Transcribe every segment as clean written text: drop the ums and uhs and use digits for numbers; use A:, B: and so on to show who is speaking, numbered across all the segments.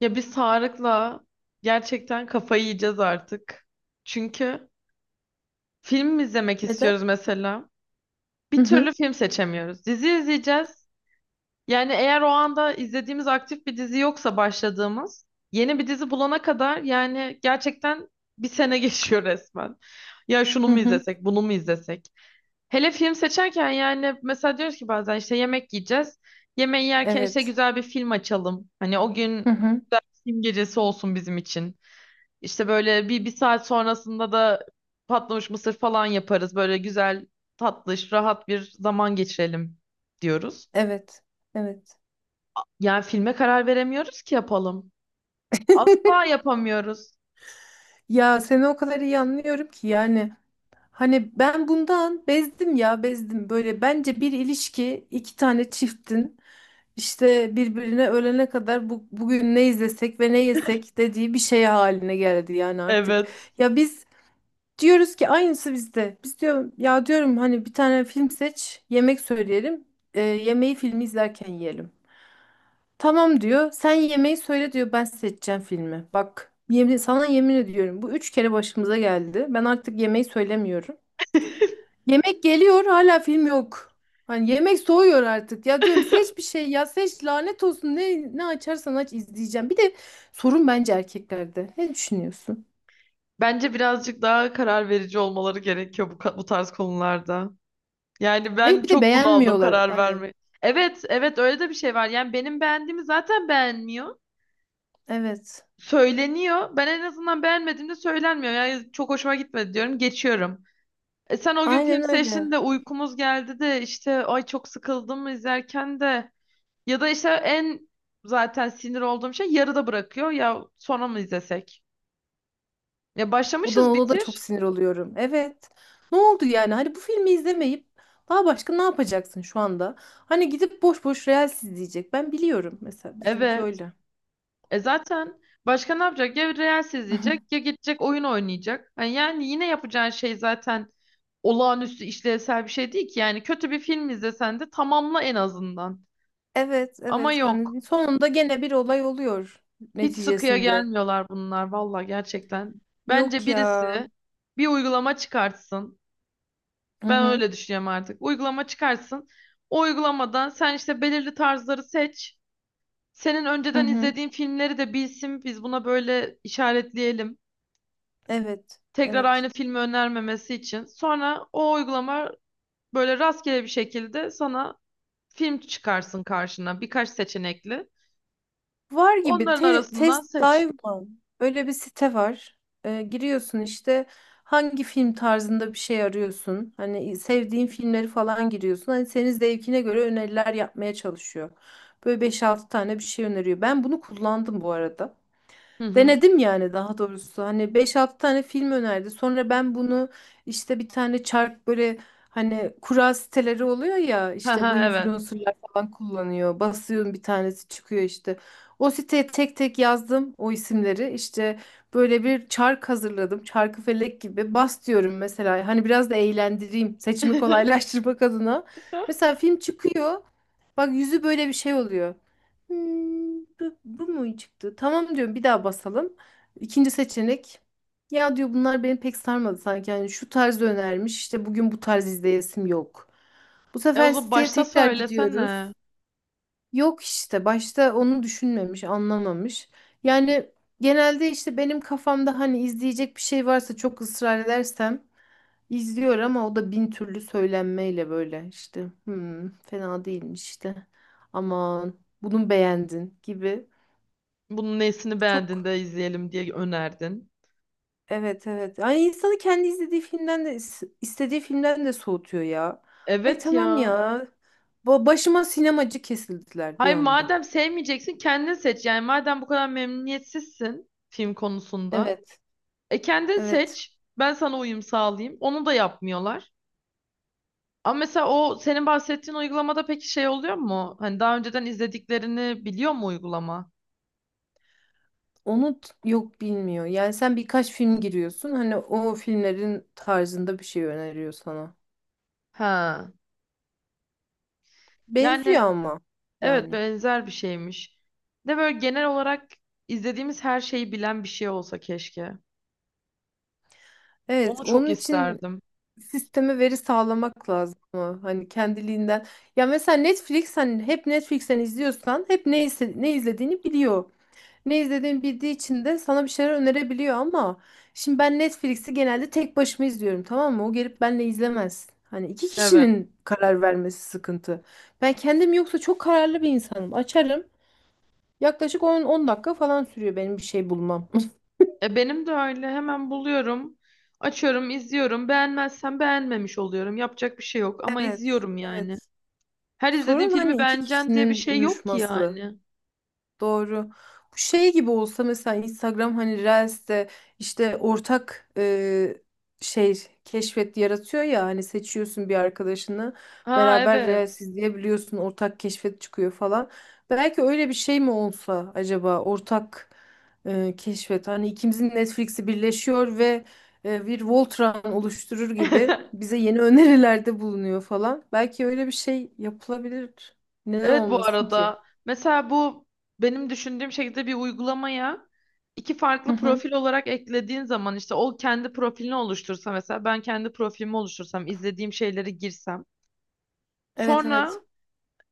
A: Ya biz Tarık'la gerçekten kafayı yiyeceğiz artık. Çünkü film mi izlemek
B: Neden?
A: istiyoruz mesela.
B: Hı
A: Bir türlü
B: hı.
A: film seçemiyoruz. Dizi izleyeceğiz. Yani eğer o anda izlediğimiz aktif bir dizi yoksa başladığımız yeni bir dizi bulana kadar yani gerçekten bir sene geçiyor resmen. Ya şunu
B: Hı
A: mu
B: hı.
A: izlesek, bunu mu izlesek? Hele film seçerken yani mesela diyoruz ki bazen işte yemek yiyeceğiz. Yemeği yerken işte
B: Evet.
A: güzel bir film açalım. Hani o gün
B: Hı hı.
A: güzel bir film gecesi olsun bizim için. İşte böyle bir saat sonrasında da patlamış mısır falan yaparız. Böyle güzel, tatlış, rahat bir zaman geçirelim diyoruz.
B: Evet. Evet.
A: Yani filme karar veremiyoruz ki yapalım. Asla yapamıyoruz.
B: Ya seni o kadar iyi anlıyorum ki yani hani ben bundan bezdim ya bezdim böyle bence bir ilişki iki tane çiftin işte birbirine ölene kadar bugün ne izlesek ve ne yesek dediği bir şey haline geldi yani artık.
A: Evet.
B: Ya biz diyoruz ki aynısı bizde. Biz diyorum ya diyorum hani bir tane film seç yemek söyleyelim yemeği filmi izlerken yiyelim. Tamam diyor. Sen yemeği söyle diyor. Ben seçeceğim filmi. Bak sana yemin ediyorum. Bu üç kere başımıza geldi. Ben artık yemeği söylemiyorum. Yemek geliyor hala film yok. Hani yemek soğuyor artık. Ya diyorum seç bir şey ya seç lanet olsun. Ne açarsan aç izleyeceğim. Bir de sorun bence erkeklerde. Ne düşünüyorsun?
A: Bence birazcık daha karar verici olmaları gerekiyor bu tarz konularda. Yani
B: Hayır
A: ben
B: bir de
A: çok bunaldım
B: beğenmiyorlar
A: karar
B: hani.
A: verme. Evet, evet, öyle de bir şey var. Yani benim beğendiğimi zaten beğenmiyor.
B: Evet.
A: Söyleniyor. Ben en azından beğenmediğimde söylenmiyor. Yani çok hoşuma gitmedi diyorum. Geçiyorum. E sen o gün film
B: Aynen
A: seçtin
B: öyle.
A: de uykumuz geldi de işte ay çok sıkıldım izlerken de ya da işte zaten sinir olduğum şey yarıda bırakıyor ya sonra mı izlesek? Ya
B: Odan
A: başlamışız
B: Oda da çok
A: bitir.
B: sinir oluyorum. Evet. Ne oldu yani? Hani bu filmi izlemeyip daha başka ne yapacaksın şu anda? Hani gidip boş boş Reels izleyecek. Ben biliyorum mesela bizimki
A: Evet.
B: öyle.
A: E zaten başka ne yapacak? Ya Reels izleyecek ya gidecek oyun oynayacak. Ha, yani yine yapacağın şey zaten olağanüstü işlevsel bir şey değil ki. Yani kötü bir film izlesen de tamamla en azından.
B: Evet,
A: Ama
B: evet.
A: yok.
B: Hani sonunda gene bir olay oluyor
A: Hiç sıkıya
B: neticesinde.
A: gelmiyorlar bunlar valla gerçekten. Bence
B: Yok ya.
A: birisi bir uygulama çıkartsın.
B: Hı
A: Ben
B: hı.
A: öyle düşünüyorum artık. Uygulama çıkartsın. O uygulamadan sen işte belirli tarzları seç. Senin
B: Hı
A: önceden
B: hı.
A: izlediğin filmleri de bilsin. Biz buna böyle işaretleyelim.
B: Evet.
A: Tekrar
B: Evet.
A: aynı filmi önermemesi için. Sonra o uygulama böyle rastgele bir şekilde sana film çıkarsın karşına. Birkaç seçenekli.
B: Var gibi
A: Onların arasından
B: test
A: seç.
B: dive mı? Öyle bir site var. Giriyorsun işte hangi film tarzında bir şey arıyorsun. Hani sevdiğin filmleri falan giriyorsun. Hani senin zevkine göre öneriler yapmaya çalışıyor. Böyle beş altı tane bir şey öneriyor. Ben bunu kullandım bu arada.
A: Hı hı.
B: Denedim yani daha doğrusu. Hani beş altı tane film önerdi. Sonra ben bunu işte bir tane çark böyle hani kura siteleri oluyor ya
A: Hı
B: işte bu
A: hı,
B: influencerlar falan kullanıyor. Basıyorum bir tanesi çıkıyor işte. O siteye tek tek yazdım o isimleri. İşte böyle bir çark hazırladım. Çarkı felek gibi bas diyorum mesela. Hani biraz da eğlendireyim. Seçimi
A: evet.
B: kolaylaştırmak adına. Mesela film çıkıyor. Bak yüzü böyle bir şey oluyor. Hmm, bu mu çıktı? Tamam diyorum bir daha basalım. İkinci seçenek. Ya diyor bunlar beni pek sarmadı sanki. Yani şu tarz önermiş. İşte bugün bu tarz izleyesim yok. Bu
A: E, o
B: sefer
A: zaman
B: siteye
A: başta
B: tekrar gidiyoruz.
A: söylesene.
B: Yok işte başta onu düşünmemiş, anlamamış. Yani genelde işte benim kafamda hani izleyecek bir şey varsa çok ısrar edersem izliyor ama o da bin türlü söylenmeyle böyle işte. Hmm, fena değilmiş işte. Aman bunu beğendin gibi.
A: Bunun nesini beğendin
B: Çok
A: de izleyelim diye önerdin.
B: evet, evet. Yani insanı kendi izlediği filmden de istediği filmden de soğutuyor ya. Ay
A: Evet
B: tamam
A: ya.
B: ya. Başıma sinemacı kesildiler bir
A: Hayır,
B: anda.
A: madem sevmeyeceksin kendin seç. Yani madem bu kadar memnuniyetsizsin film konusunda.
B: Evet.
A: E kendin
B: Evet.
A: seç. Ben sana uyum sağlayayım. Onu da yapmıyorlar. Ama mesela o senin bahsettiğin uygulamada peki şey oluyor mu? Hani daha önceden izlediklerini biliyor mu uygulama?
B: Yok bilmiyor. Yani sen birkaç film giriyorsun. Hani o filmlerin tarzında bir şey öneriyor sana.
A: Ha.
B: Benziyor
A: Yani
B: ama
A: evet,
B: yani.
A: benzer bir şeymiş. De böyle genel olarak izlediğimiz her şeyi bilen bir şey olsa keşke.
B: Evet,
A: Onu çok
B: onun için
A: isterdim.
B: sisteme veri sağlamak lazım, ama hani kendiliğinden. Ya mesela Netflix hani hep Netflix'ten izliyorsan hep ne izlediğini biliyor. Ne izlediğimi bildiği için de sana bir şeyler önerebiliyor ama şimdi ben Netflix'i genelde tek başıma izliyorum, tamam mı? O gelip benle izlemez. Hani iki
A: Evet.
B: kişinin karar vermesi sıkıntı. Ben kendim yoksa çok kararlı bir insanım. Açarım. Yaklaşık on dakika falan sürüyor benim bir şey bulmam.
A: E benim de öyle. Hemen buluyorum. Açıyorum, izliyorum. Beğenmezsem beğenmemiş oluyorum. Yapacak bir şey yok ama
B: Evet,
A: izliyorum yani.
B: evet.
A: Her izlediğim
B: Sorun
A: filmi
B: hani iki
A: beğeneceksin diye bir
B: kişinin
A: şey yok ki
B: uyuşması.
A: yani.
B: Doğru. Bu şey gibi olsa mesela Instagram hani Reels'te işte ortak şey keşfet yaratıyor ya hani seçiyorsun bir arkadaşını
A: Ha,
B: beraber
A: evet.
B: Reels izleyebiliyorsun ortak keşfet çıkıyor falan. Belki öyle bir şey mi olsa acaba ortak keşfet hani ikimizin Netflix'i birleşiyor ve bir Voltran oluşturur gibi bize yeni önerilerde bulunuyor falan. Belki öyle bir şey yapılabilir. Neden
A: Evet, bu
B: olmasın ki?
A: arada. Mesela bu benim düşündüğüm şekilde bir uygulamaya iki
B: Hı
A: farklı
B: hı.
A: profil olarak eklediğin zaman işte o kendi profilini oluştursa, mesela ben kendi profilimi oluştursam, izlediğim şeyleri girsem.
B: Evet,
A: Sonra
B: evet.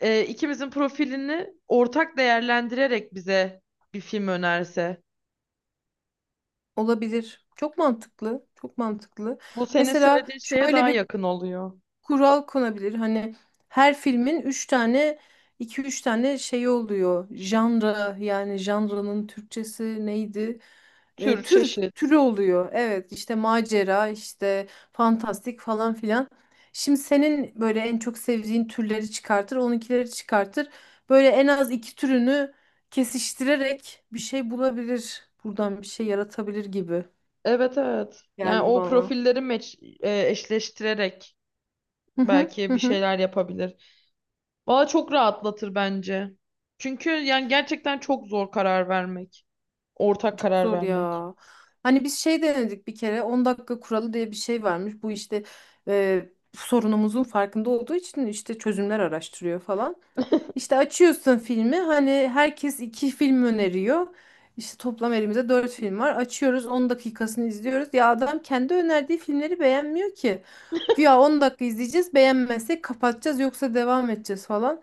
A: ikimizin profilini ortak değerlendirerek bize bir film önerse.
B: Olabilir. Çok mantıklı. Çok mantıklı.
A: Bu senin
B: Mesela
A: söylediğin şeye
B: şöyle
A: daha
B: bir
A: yakın oluyor.
B: kural konabilir. Hani her filmin 3 tane iki üç tane şey oluyor. Janra yani janranın Türkçesi neydi? E,
A: Tür,
B: tür
A: çeşit.
B: türü oluyor. Evet işte macera işte fantastik falan filan. Şimdi senin böyle en çok sevdiğin türleri çıkartır, onunkileri çıkartır. Böyle en az iki türünü kesiştirerek bir şey bulabilir. Buradan bir şey yaratabilir gibi
A: Evet, evet. Yani
B: geldi
A: o
B: bana.
A: profilleri eşleştirerek
B: Hı hı hı
A: belki bir
B: hı.
A: şeyler yapabilir. Valla çok rahatlatır bence. Çünkü yani gerçekten çok zor karar vermek. Ortak
B: Çok
A: karar
B: zor
A: vermek.
B: ya. Hani biz şey denedik bir kere 10 dakika kuralı diye bir şey varmış. Bu işte e, sorunumuzun farkında olduğu için işte çözümler araştırıyor falan. İşte açıyorsun filmi hani herkes iki film öneriyor. İşte toplam elimizde dört film var. Açıyoruz 10 dakikasını izliyoruz. Ya adam kendi önerdiği filmleri beğenmiyor ki. Güya 10 dakika izleyeceğiz, beğenmezsek kapatacağız yoksa devam edeceğiz falan.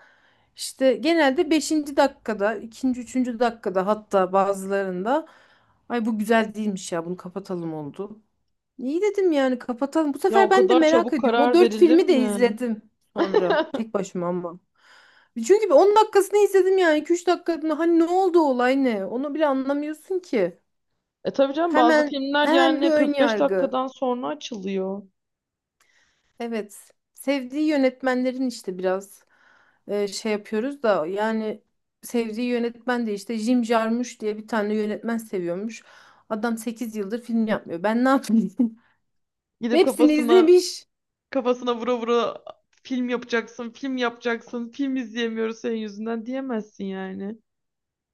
B: İşte genelde beşinci dakikada, ikinci üçüncü dakikada, hatta bazılarında ay bu güzel değilmiş ya bunu kapatalım oldu. İyi dedim yani kapatalım. Bu
A: Ya
B: sefer
A: o
B: ben de
A: kadar
B: merak
A: çabuk
B: ediyorum. O
A: karar
B: dört
A: verilir
B: filmi de
A: mi?
B: izledim sonra tek başıma ama. Çünkü bir 10 dakikasını izledim yani 2-3 dakikasını, hani ne oldu, olay ne? Onu bile anlamıyorsun ki.
A: E tabii canım, bazı
B: Hemen
A: filmler
B: hemen bir
A: yani
B: ön
A: 45
B: yargı.
A: dakikadan sonra açılıyor.
B: Evet. Sevdiği yönetmenlerin işte biraz şey yapıyoruz da yani sevdiği yönetmen de işte Jim Jarmusch diye bir tane yönetmen seviyormuş. Adam 8 yıldır film yapmıyor. Ben ne yapayım?
A: Gidip
B: Hepsini
A: kafasına
B: izlemiş.
A: Kafasına vura vura film yapacaksın, film yapacaksın, film izleyemiyoruz senin yüzünden diyemezsin yani.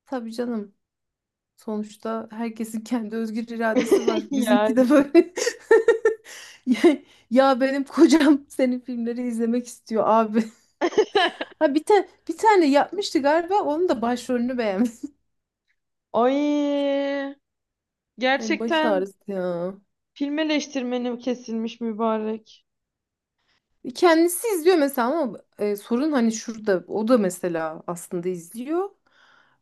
B: Tabii canım. Sonuçta herkesin kendi özgür iradesi var. Bizimki
A: Yani.
B: de böyle. Ya ya benim kocam senin filmleri izlemek istiyor abi. Ha bir tane yapmıştı galiba. Onun da başrolünü beğenmiş.
A: Ay,
B: Hani baş
A: gerçekten
B: ağrısı ya.
A: film eleştirmeni kesilmiş mübarek.
B: Kendisi izliyor mesela ama sorun hani şurada. O da mesela aslında izliyor.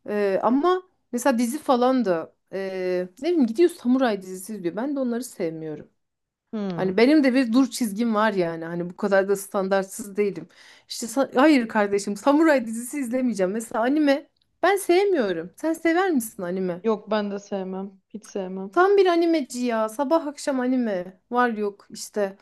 B: Ama mesela dizi falan da ne bileyim gidiyor samuray dizisi izliyor. Ben de onları sevmiyorum. Hani
A: Hmm.
B: benim de bir dur çizgim var yani. Hani bu kadar da standartsız değilim. İşte hayır kardeşim, samuray dizisi izlemeyeceğim. Mesela anime ben sevmiyorum. Sen sever misin anime?
A: Yok, ben de sevmem. Hiç sevmem.
B: Tam bir animeci ya. Sabah akşam anime. Var yok işte.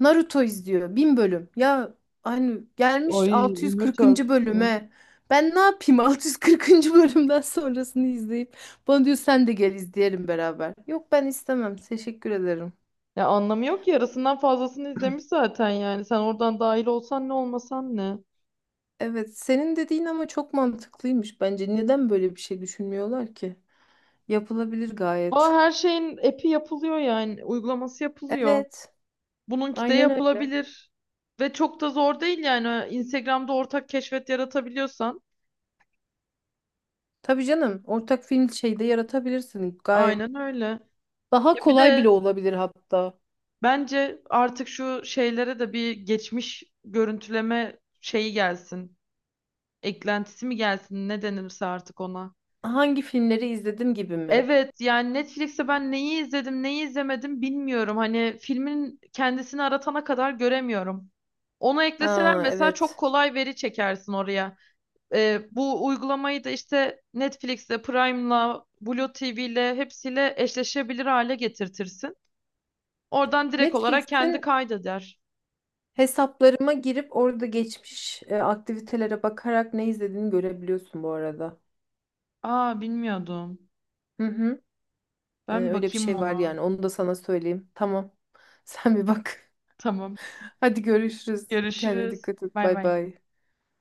B: Naruto izliyor. Bin bölüm. Ya hani gelmiş
A: Ay, ömür
B: 640.
A: törpüsü.
B: bölüme. Ben ne yapayım 640. bölümden sonrasını izleyip. Bana diyor sen de gel izleyelim beraber. Yok ben istemem. Teşekkür ederim.
A: Ya anlamı yok ki, yarısından fazlasını izlemiş zaten yani. Sen oradan dahil olsan ne, olmasan ne.
B: Evet, senin dediğin ama çok mantıklıymış bence. Neden böyle bir şey düşünmüyorlar ki? Yapılabilir
A: Aa,
B: gayet.
A: her şeyin epi yapılıyor yani. Uygulaması yapılıyor.
B: Evet,
A: Bununki de
B: aynen öyle.
A: yapılabilir. Ve çok da zor değil yani. Instagram'da ortak keşfet yaratabiliyorsan.
B: Tabii canım, ortak film şeyde yaratabilirsin gayet.
A: Aynen öyle.
B: Daha
A: Ya bir
B: kolay
A: de
B: bile olabilir hatta.
A: bence artık şu şeylere de bir geçmiş görüntüleme şeyi gelsin. Eklentisi mi gelsin, ne denirse artık ona.
B: Hangi filmleri izledim gibi mi?
A: Evet yani, Netflix'te ben neyi izledim neyi izlemedim bilmiyorum. Hani filmin kendisini aratana kadar göremiyorum. Onu ekleseler
B: Ha,
A: mesela çok
B: evet.
A: kolay veri çekersin oraya. Bu uygulamayı da işte Netflix'le, Prime'la, Blue TV'le hepsiyle eşleşebilir hale getirtirsin. Oradan direkt olarak kendi
B: Netflix'in
A: kaydeder.
B: hesaplarıma girip orada geçmiş aktivitelere bakarak ne izlediğini görebiliyorsun bu arada.
A: Aa, bilmiyordum.
B: Hı hı. E,
A: Ben bir
B: öyle bir
A: bakayım
B: şey var
A: ona.
B: yani. Onu da sana söyleyeyim. Tamam. Sen bir bak.
A: Tamam.
B: Hadi görüşürüz. Kendine
A: Görüşürüz.
B: dikkat et.
A: Bay
B: Bay
A: bay.
B: bay.